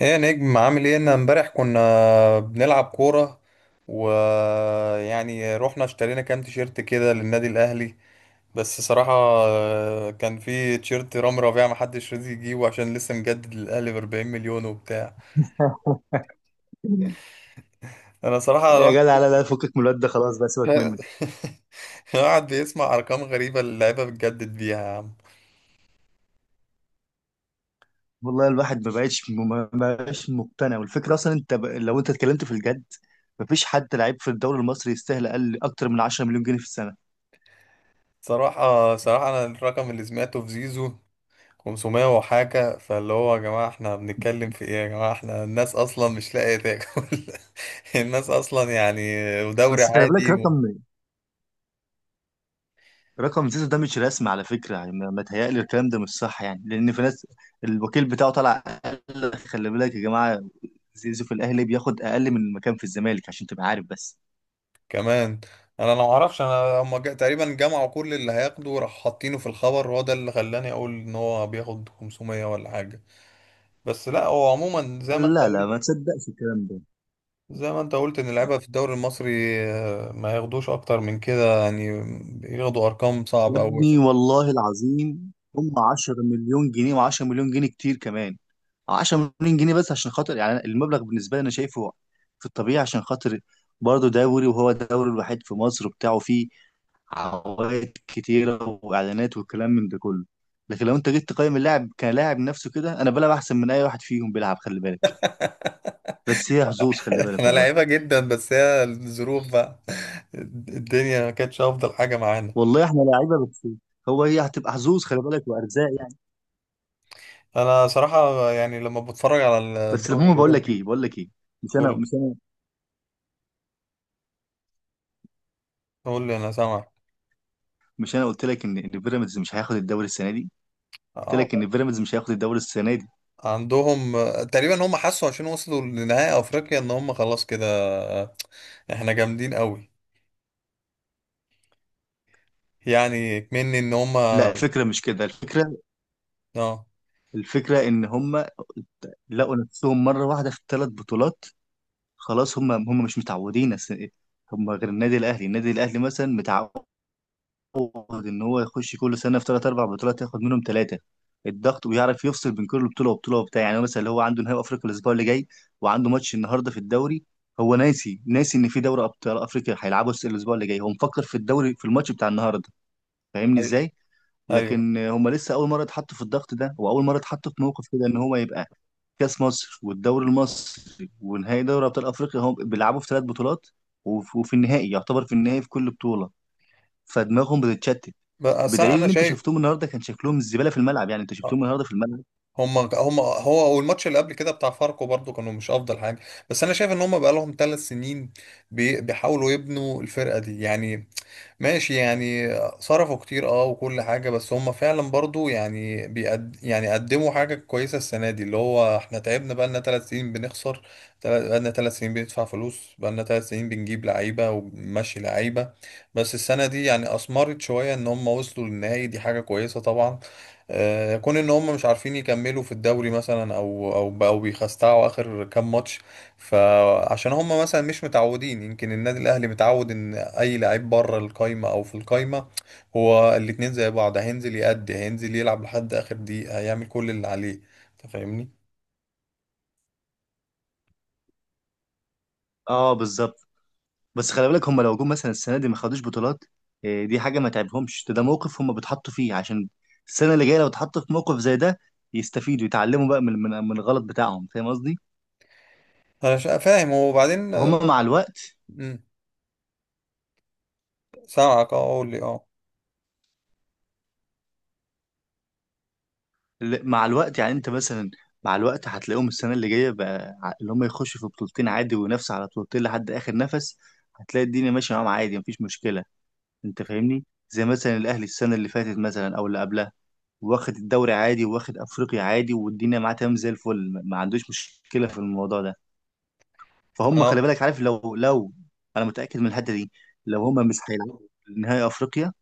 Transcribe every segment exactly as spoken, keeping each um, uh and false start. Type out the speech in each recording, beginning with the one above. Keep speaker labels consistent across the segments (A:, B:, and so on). A: ايه يا نجم، عامل ايه؟ انا امبارح كنا بنلعب كورة، ويعني رحنا اشترينا كام تيشيرت كده للنادي الاهلي. بس صراحة آه، كان في تيشيرت رامي ربيعة محدش راضي يجيبه عشان لسه مجدد للاهلي ب 40 مليون وبتاع. انا صراحة
B: يا جدع،
A: الواحد
B: لا لا، فكك من الواد ده، خلاص بقى سيبك منه.
A: الواحد بيسمع ارقام غريبة، اللعيبة بتجدد بيها يا عم.
B: والله الواحد ما بقتش ما بقاش مقتنع، والفكره اصلا انت ب... لو انت اتكلمت في الجد، مفيش حد لعيب في الدوري المصري يستاهل اقل اكتر من عشرة مليون جنيه مليون جنيه في السنه.
A: صراحة صراحة انا الرقم اللي سمعته في زيزو 500 وحاجة، فاللي هو يا جماعة احنا بنتكلم في ايه؟ يا جماعة، احنا الناس اصلا مش لاقية تاكل. الناس اصلا يعني دوري
B: بس خلي بالك،
A: عادي
B: رقم رقم زيزو ده مش رسمي على فكره، يعني ما ما تهيألي الكلام ده مش صح، يعني لان في ناس الوكيل بتاعه طلع قال لك خلي بالك يا جماعه، زيزو في الاهلي بياخد اقل من المكان في الزمالك عشان تبقى عارف بس.
A: كمان. انا ما اعرفش، انا هم جا- تقريبا جمعوا كل اللي هياخده راح حاطينه في الخبر، وهو ده اللي خلاني اقول ان هو بياخد خمسمية ولا حاجة. بس لا، هو عموما زي ما انت
B: لا لا،
A: قلت.
B: ما تصدقش الكلام ده.
A: زي ما انت قلت ان اللعيبة في الدوري المصري آه، ما ياخدوش اكتر من كده، يعني ياخدوا ارقام
B: يا
A: صعبة قوي.
B: ابني والله العظيم، هم عشرة مليون جنيه مليون جنيه، وعشرة مليون جنيه كتير كمان. عشرة مليون جنيه مليون جنيه بس عشان خاطر، يعني أنا- المبلغ بالنسبه لي انا شايفه في الطبيعي، عشان خاطر برضه دوري، وهو الدوري الوحيد في مصر وبتاعه، فيه عوائد كتيره واعلانات والكلام من ده كله. لكن لو انت جيت تقيم اللاعب كلاعب نفسه كده، انا بلعب احسن من اي واحد فيهم بيلعب، خلي بالك. بس هي حظوظ، خلي بالك
A: احنا
B: والله.
A: لعيبة جدا، بس هي الظروف بقى. الدنيا ما كانتش افضل حاجة معانا.
B: والله احنا لعيبه، بس هو هي هتبقى حظوظ خلي بالك وارزاق يعني.
A: انا صراحة يعني لما بتفرج على
B: بس
A: الدوري
B: المهم، بقول لك ايه
A: الاوروبي.
B: بقول لك ايه، مش انا
A: قول،
B: مش انا
A: قول لي، انا سامعك.
B: مش انا قلت لك ان ان بيراميدز مش هياخد الدوري السنه دي. قلت
A: اه.
B: لك ان بيراميدز مش هياخد الدوري السنه دي.
A: عندهم تقريبا هم حسوا، عشان وصلوا لنهائي افريقيا ان هم خلاص كده احنا جامدين قوي، يعني مني ان هم.
B: لا، الفكره مش كده. الفكره
A: اه.
B: الفكره ان هم لقوا نفسهم مره واحده في ثلاث بطولات. خلاص، هم هم مش متعودين أس- هم غير النادي الاهلي، النادي الاهلي مثلا متعود يعود ان هو يخش كل سنه في ثلاث اربع بطولات، ياخد منهم ثلاثه، الضغط، ويعرف يفصل بين كل بطوله وبطوله وبتاع. يعني هو مثلا اللي هو عنده نهائي افريقيا الاسبوع اللي جاي، وعنده ماتش النهارده في الدوري، هو ناسي ناسي ان في دوري ابطال افريقيا هيلعبه الاسبوع اللي جاي، هو مفكر في الدوري في الماتش بتاع النهارده. فاهمني
A: أي-
B: ازاي؟
A: ايوه.
B: لكن هم لسه اول مره اتحطوا في الضغط ده، واول مره اتحطوا في موقف كده ان هو يبقى كاس مصر والدوري المصري ونهائي دوري ابطال افريقيا، هم بيلعبوا في ثلاث بطولات، وف- وفي النهائي، يعتبر في النهائي في كل بطوله، فدماغهم بتتشتت.
A: بس
B: بدليل
A: انا
B: ان انت
A: شايف
B: شفتهم النهارده كان شكلهم الزباله في الملعب، يعني انت شفتهم النهارده في الملعب.
A: هم هم هو والماتش اللي قبل كده بتاع فاركو برضو كانوا مش افضل حاجه. بس انا شايف ان هم بقى لهم ثلاث سنين بي- بيحاولوا يبنوا الفرقه دي، يعني ماشي يعني. صرفوا كتير اه وكل حاجة، بس هم فعلا برضو يعني بيقد يعني قدموا حاجة كويسة السنة دي، اللي هو احنا تعبنا بقالنا ثلاث سنين بنخسر، تل- بقالنا ثلاث سنين بندفع فلوس، بقالنا ثلاث سنين بنجيب لعيبة وبنمشي لعيبة. بس السنة دي يعني أثمرت شوية إن هم وصلوا للنهائي، دي حاجة كويسة طبعا. آه، كون إن هم مش عارفين يكملوا في الدوري مثلا، أو أو بقوا بيخستعوا آخر كام ماتش، فعشان هم مثلا مش متعودين. يمكن النادي الاهلي متعود ان اي لعيب بره القايمه او في القايمه هو الاتنين زي بعض، هينزل يأدي، هينزل يلعب لحد اخر دقيقه، هيعمل كل اللي عليه. انت فاهمني؟
B: اه بالظبط. بس خلي بالك، هم لو جم مثلا السنه دي ما خدوش بطولات، آه، دي حاجه ما تعبهمش، ده ده موقف هم بيتحطوا فيه، عشان السنه اللي جايه لو اتحطوا في موقف زي ده، يستفيدوا يتعلموا بقى من من من الغلط بتاعهم. فاهم قصدي؟
A: انا شا- فاهم. وبعدين آه،
B: فهم مع الوقت،
A: مم، سامعك، اه قول لي. اه.
B: ل- مع الوقت يعني انت مثلا، مع الوقت هتلاقيهم السنه اللي جايه بقى، ع- اللي هم يخشوا في بطولتين عادي وينافسوا على بطولتين لحد اخر نفس، هتلاقي الدنيا ماشيه معاهم عادي، مفيش مشكله. انت فاهمني؟ زي مثلا الاهلي السنه اللي فاتت مثلا او اللي قبلها، واخد الدوري عادي، واخد افريقيا عادي، والدنيا معاه تمام زي الفل، ما ما عندوش مشكله في الموضوع ده. فهم
A: انا
B: خلي بالك عارف، لو لو انا متاكد من الحته دي، لو هم مش هيلعبوا نهائي افريقيا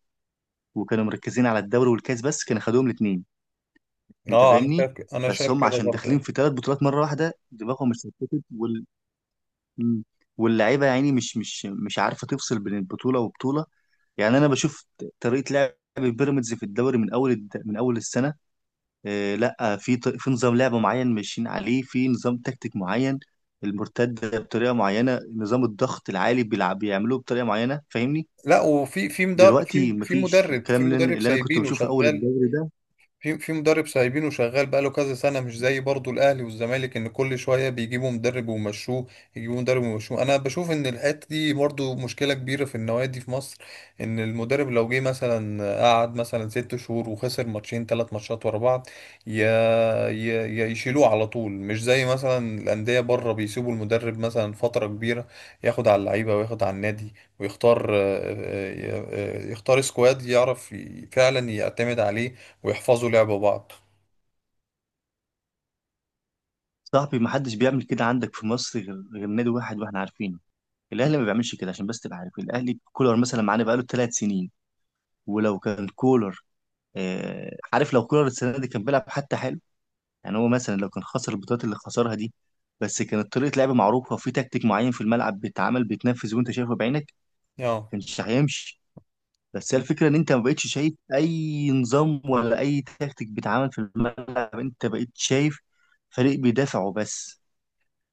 B: وكانوا مركزين على الدوري والكاس بس، كان خدوهم الاثنين. انت
A: اه انا
B: فاهمني؟
A: شايف ك- انا
B: بس
A: شايف
B: هم
A: كده
B: عشان داخلين
A: برضه.
B: في ثلاث بطولات مره واحده، دماغهم مش ثبتت وال... م. واللعيبه يعني مش مش مش عارفه تفصل بين البطوله وبطوله. يعني انا بشوف طريقه لعب بيراميدز في الدوري من اول الد... من اول السنه، آه لا في ط... في نظام لعب معين ماشيين عليه، في نظام تكتيك معين، المرتده بطريقه معينه، نظام الضغط العالي بيلعب بيعملوه بطريقه معينه. فاهمني؟
A: لا، وفي في مدرب، في
B: دلوقتي
A: في
B: مفيش
A: مدرب،
B: الكلام
A: في
B: اللي انا
A: مدرب
B: اللي أنا كنت
A: سايبينه
B: بشوفه اول
A: شغال،
B: الدوري ده.
A: في في مدرب سايبينه شغال بقاله كذا سنة، مش زي برضو الأهلي والزمالك إن كل شوية بيجيبوا مدرب ويمشوه، يجيبوا مدرب ويمشوه. أنا بشوف إن الحتة دي برضو مشكلة كبيرة في النوادي في مصر، إن المدرب لو جه مثلا قعد مثلا ست شهور وخسر ماتشين تلات ماتشات ورا بعض يا يا يا يشيلوه على طول. مش زي مثلا الأندية بره بيسيبوا المدرب مثلا فترة كبيرة ياخد على اللعيبة وياخد على النادي، ويختار آه، آه، آه، آه، يختار سكواد يعرف ي- فعلا يعتمد عليه ويحفظوا لعب بعض.
B: صاحبي، محدش بيعمل كده عندك في مصر غير غير نادي واحد واحنا عارفينه، الاهلي ما بيعملش كده. عشان بس تبقى عارف، الاهلي كولر مثلا معانا بقاله ثلاث سنين، ولو كان كولر، آه، عارف، لو كولر السنه دي كان بيلعب حتى، يعني هو مثلا لو كان خسر البطولات اللي خسرها دي، بس كانت طريقة لعب معروفة، وفي تكتيك معين في الملعب بيتعمل بيتنفذ وانت شايفه بعينك،
A: اه.
B: كانش هيمشي. بس هي الفكرة ان انت ما بقتش شايف اي نظام، ولا اي تكتيك بيتعمل في الملعب، انت بقيت شايف فريق بيدافع وبس.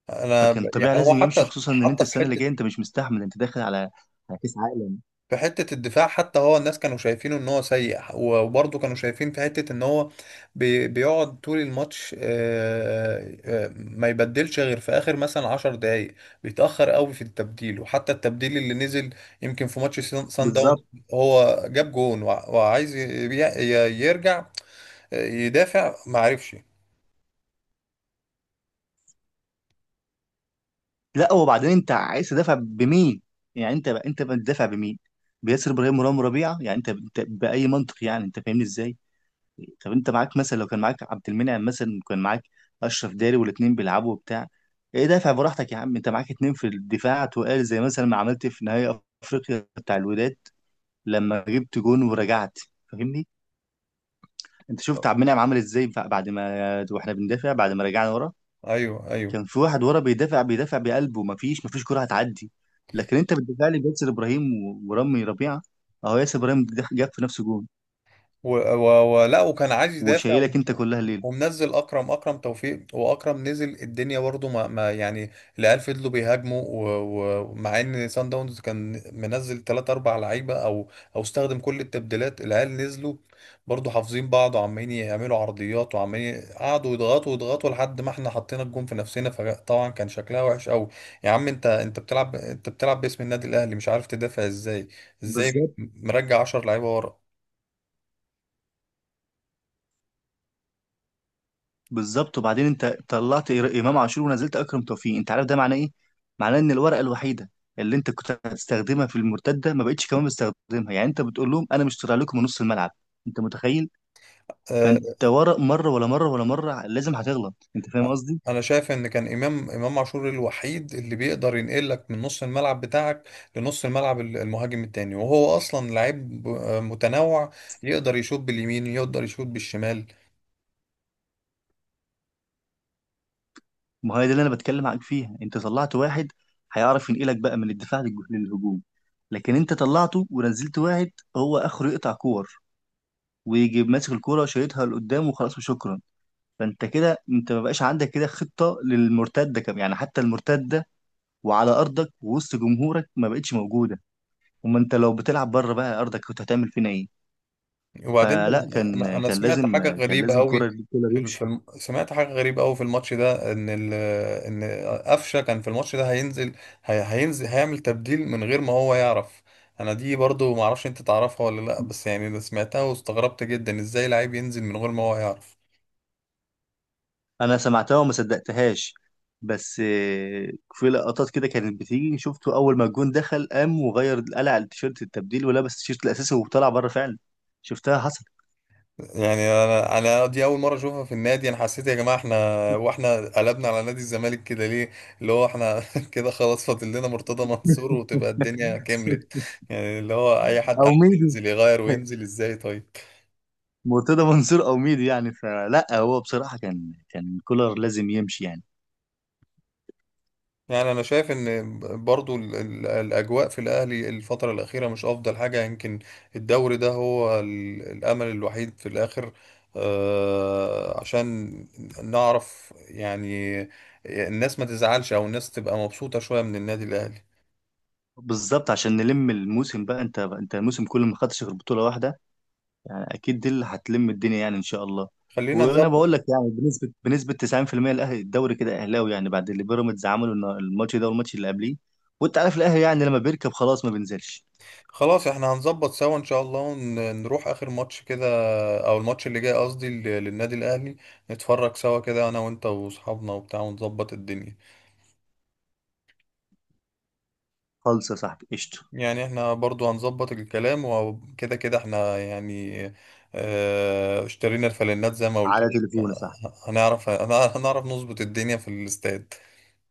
A: انا ب...
B: فكان
A: يعني
B: طبيعي
A: هو
B: لازم يمشي،
A: حتى
B: خصوصا ان انت
A: حتى في
B: السنة اللي
A: حته،
B: جاية انت مش مستحمل، انت داخل على على كأس عالم.
A: في حته الدفاع، حتى هو الناس كانوا شايفينه ان هو سيء، وبرضه كانوا شايفين في حته ان هو بي... بيقعد طول الماتش آه، آه، ما يبدلش غير في اخر مثلا 10 دقائق، بيتاخر قوي في التبديل. وحتى التبديل اللي نزل، يمكن في ماتش سان سان داون،
B: بالظبط.
A: هو جاب جون وع- وعايز ي... ي- يرجع آه، يدافع، ما عرفش.
B: لا، وبعدين انت عايز تدافع بمين؟ يعني انت بقى انت بتدافع بمين؟ بياسر ابراهيم ورام ربيعة. يعني انت انت بأي منطق، يعني انت فاهمني ازاي؟ طب انت معاك مثلا، لو كان معاك عبد المنعم مثلا، وكان معاك اشرف داري والاتنين بيلعبوا وبتاع، ايه، دافع براحتك يا عم. انت معاك اتنين في الدفاع تقال، زي مثلا ما عملت في نهائي افريقيا بتاع الوداد لما جبت جون ورجعت. فاهمني؟ انت شفت عبد المنعم عمل ازاي بعد ما واحنا بندافع، بعد ما رجعنا ورا،
A: ايوه، ايوه.
B: كان في واحد ورا بيدافع بيدافع بقلبه، مفيش مفيش كرة هتعدي. لكن انت بتدافع لي بياسر ابراهيم و- ورامي ربيعه، اهو ياسر ابراهيم جاب في نفسه جون،
A: و... و... و... لا، وكان عايز يدافع
B: وشايلك انت
A: و-
B: كلها الليل.
A: ومنزل اكرم اكرم توفيق، واكرم نزل الدنيا برضه ما... ما يعني. العيال فضلوا بيهاجموا، و- و- ومع ان سان داونز كان منزل ثلاثة، اربع لعيبة لعيبه، او او استخدم كل التبديلات، العيال نزلوا برضه حافظين بعض وعمالين يعملوا عرضيات، وعمالين قعدوا يضغطوا يضغطوا لحد ما احنا حطينا الجون في نفسنا، فطبعا كان شكلها وحش قوي. يا عم، انت انت بتلعب انت بتلعب باسم النادي الاهلي مش عارف تدافع ازاي؟ ازاي
B: بالظبط.
A: مرجع عشر لعيبة لعيبه ورا؟
B: بالظبط. وبعدين انت طلعت إر- امام عاشور ونزلت اكرم توفيق، انت عارف ده معناه ايه؟ معناه ان الورقه الوحيده اللي انت كنت هتستخدمها في المرتده ما بقتش كمان بتستخدمها، يعني انت بتقول لهم انا مش طالع لكم من نص الملعب. انت متخيل؟
A: آه،
B: فانت ورق، مره ولا مره ولا مره لازم هتغلط. انت فاهم قصدي؟
A: انا شايف ان كان امام امام عاشور الوحيد اللي بيقدر ينقلك من نص الملعب بتاعك لنص الملعب، ال- المهاجم التاني، وهو اصلا لعيب ب- متنوع، يقدر يشوط باليمين يقدر يشوط بالشمال.
B: ما هي دي اللي انا بتكلم معاك فيها، انت طلعت واحد هيعرف ينقلك بقى من الدفاع للج- للهجوم، لكن انت طلعته ونزلت واحد هو اخره يقطع كور، ويجي ماسك الكوره وشايطها لقدام وخلاص وشكرا. فانت كده انت ما بقاش عندك كده خطه للمرتده كم يعني، حتى المرتده وعلى ارضك ووسط جمهورك ما بقتش موجوده، اما انت لو بتلعب بره بقى ارضك كنت هتعمل فينا ايه؟
A: وبعدين ده،
B: فلا
A: انا
B: كان
A: انا
B: كان
A: سمعت
B: لازم
A: حاجه
B: كان
A: غريبه
B: لازم
A: قوي
B: كولر كولر
A: في ال- في
B: يمشي.
A: الم... سمعت حاجه غريبه قوي في الماتش ده ان ال... ان قفشه كان في الماتش ده هينزل، هي... هينزل، هيعمل تبديل من غير ما هو يعرف. انا دي برضو معرفش انت تعرفها ولا لا، بس يعني ده سمعتها واستغربت جدا، ازاي لعيب ينزل من غير ما هو يعرف؟
B: انا سمعتها وما صدقتهاش. بس آه، في لقطات كده كانت بتيجي شفته، اول ما الجون دخل قام وغير، قلع التيشيرت التبديل ولبس التيشيرت الاساسي وطلع بره فعلا، شفتها حصل.
A: يعني انا انا دي اول مره اشوفها في النادي. انا حسيت يا جماعه احنا، واحنا قلبنا على نادي الزمالك كده ليه؟ اللي هو احنا كده خلاص فاضل لنا مرتضى منصور وتبقى الدنيا كملت، يعني اللي هو اي حد
B: او
A: عايز
B: ميدو،
A: ينزل يغير وينزل، ازاي طيب؟
B: مرتضى منصور او ميدو يعني. فلا هو بصراحه كان كان كولر لازم يمشي يعني.
A: يعني انا شايف ان برضو ال- ال- الاجواء في الاهلي الفتره الاخيره مش افضل حاجه. يمكن الدوري ده هو ال- الامل الوحيد في الاخر، آه، عشان نعرف يعني الناس ما تزعلش او الناس تبقى مبسوطه شويه من النادي الاهلي.
B: بالظبط، عشان نلم الموسم بقى. انت انت الموسم كله ما خدتش غير بطوله واحده يعني، اكيد دي اللي هتلم الدنيا يعني ان شاء الله.
A: خلينا
B: وانا
A: نظبط.
B: بقول لك يعني بنسبه بنسبه تسعين في المئة الاهلي الدوري كده اهلاوي يعني، بعد اللي بيراميدز عمله النا- الماتش ده والماتش اللي قبليه، وانت عارف الاهلي يعني لما بيركب خلاص ما بينزلش.
A: خلاص احنا هنظبط سوا ان شاء الله، ونروح اخر ماتش كده، او الماتش اللي جاي قصدي لل- للنادي الاهلي. نتفرج سوا كده انا وانت واصحابنا وبتاع ونظبط الدنيا.
B: خالص يا صاحبي قشطه.
A: يعني احنا برضو هنظبط الكلام، وكده كده احنا يعني، اه اشترينا الفانلات زي ما قلت
B: على
A: لك.
B: تليفونه
A: آه،
B: صح.
A: هنعرف هنعرف هنعرف نظبط الدنيا في الاستاد.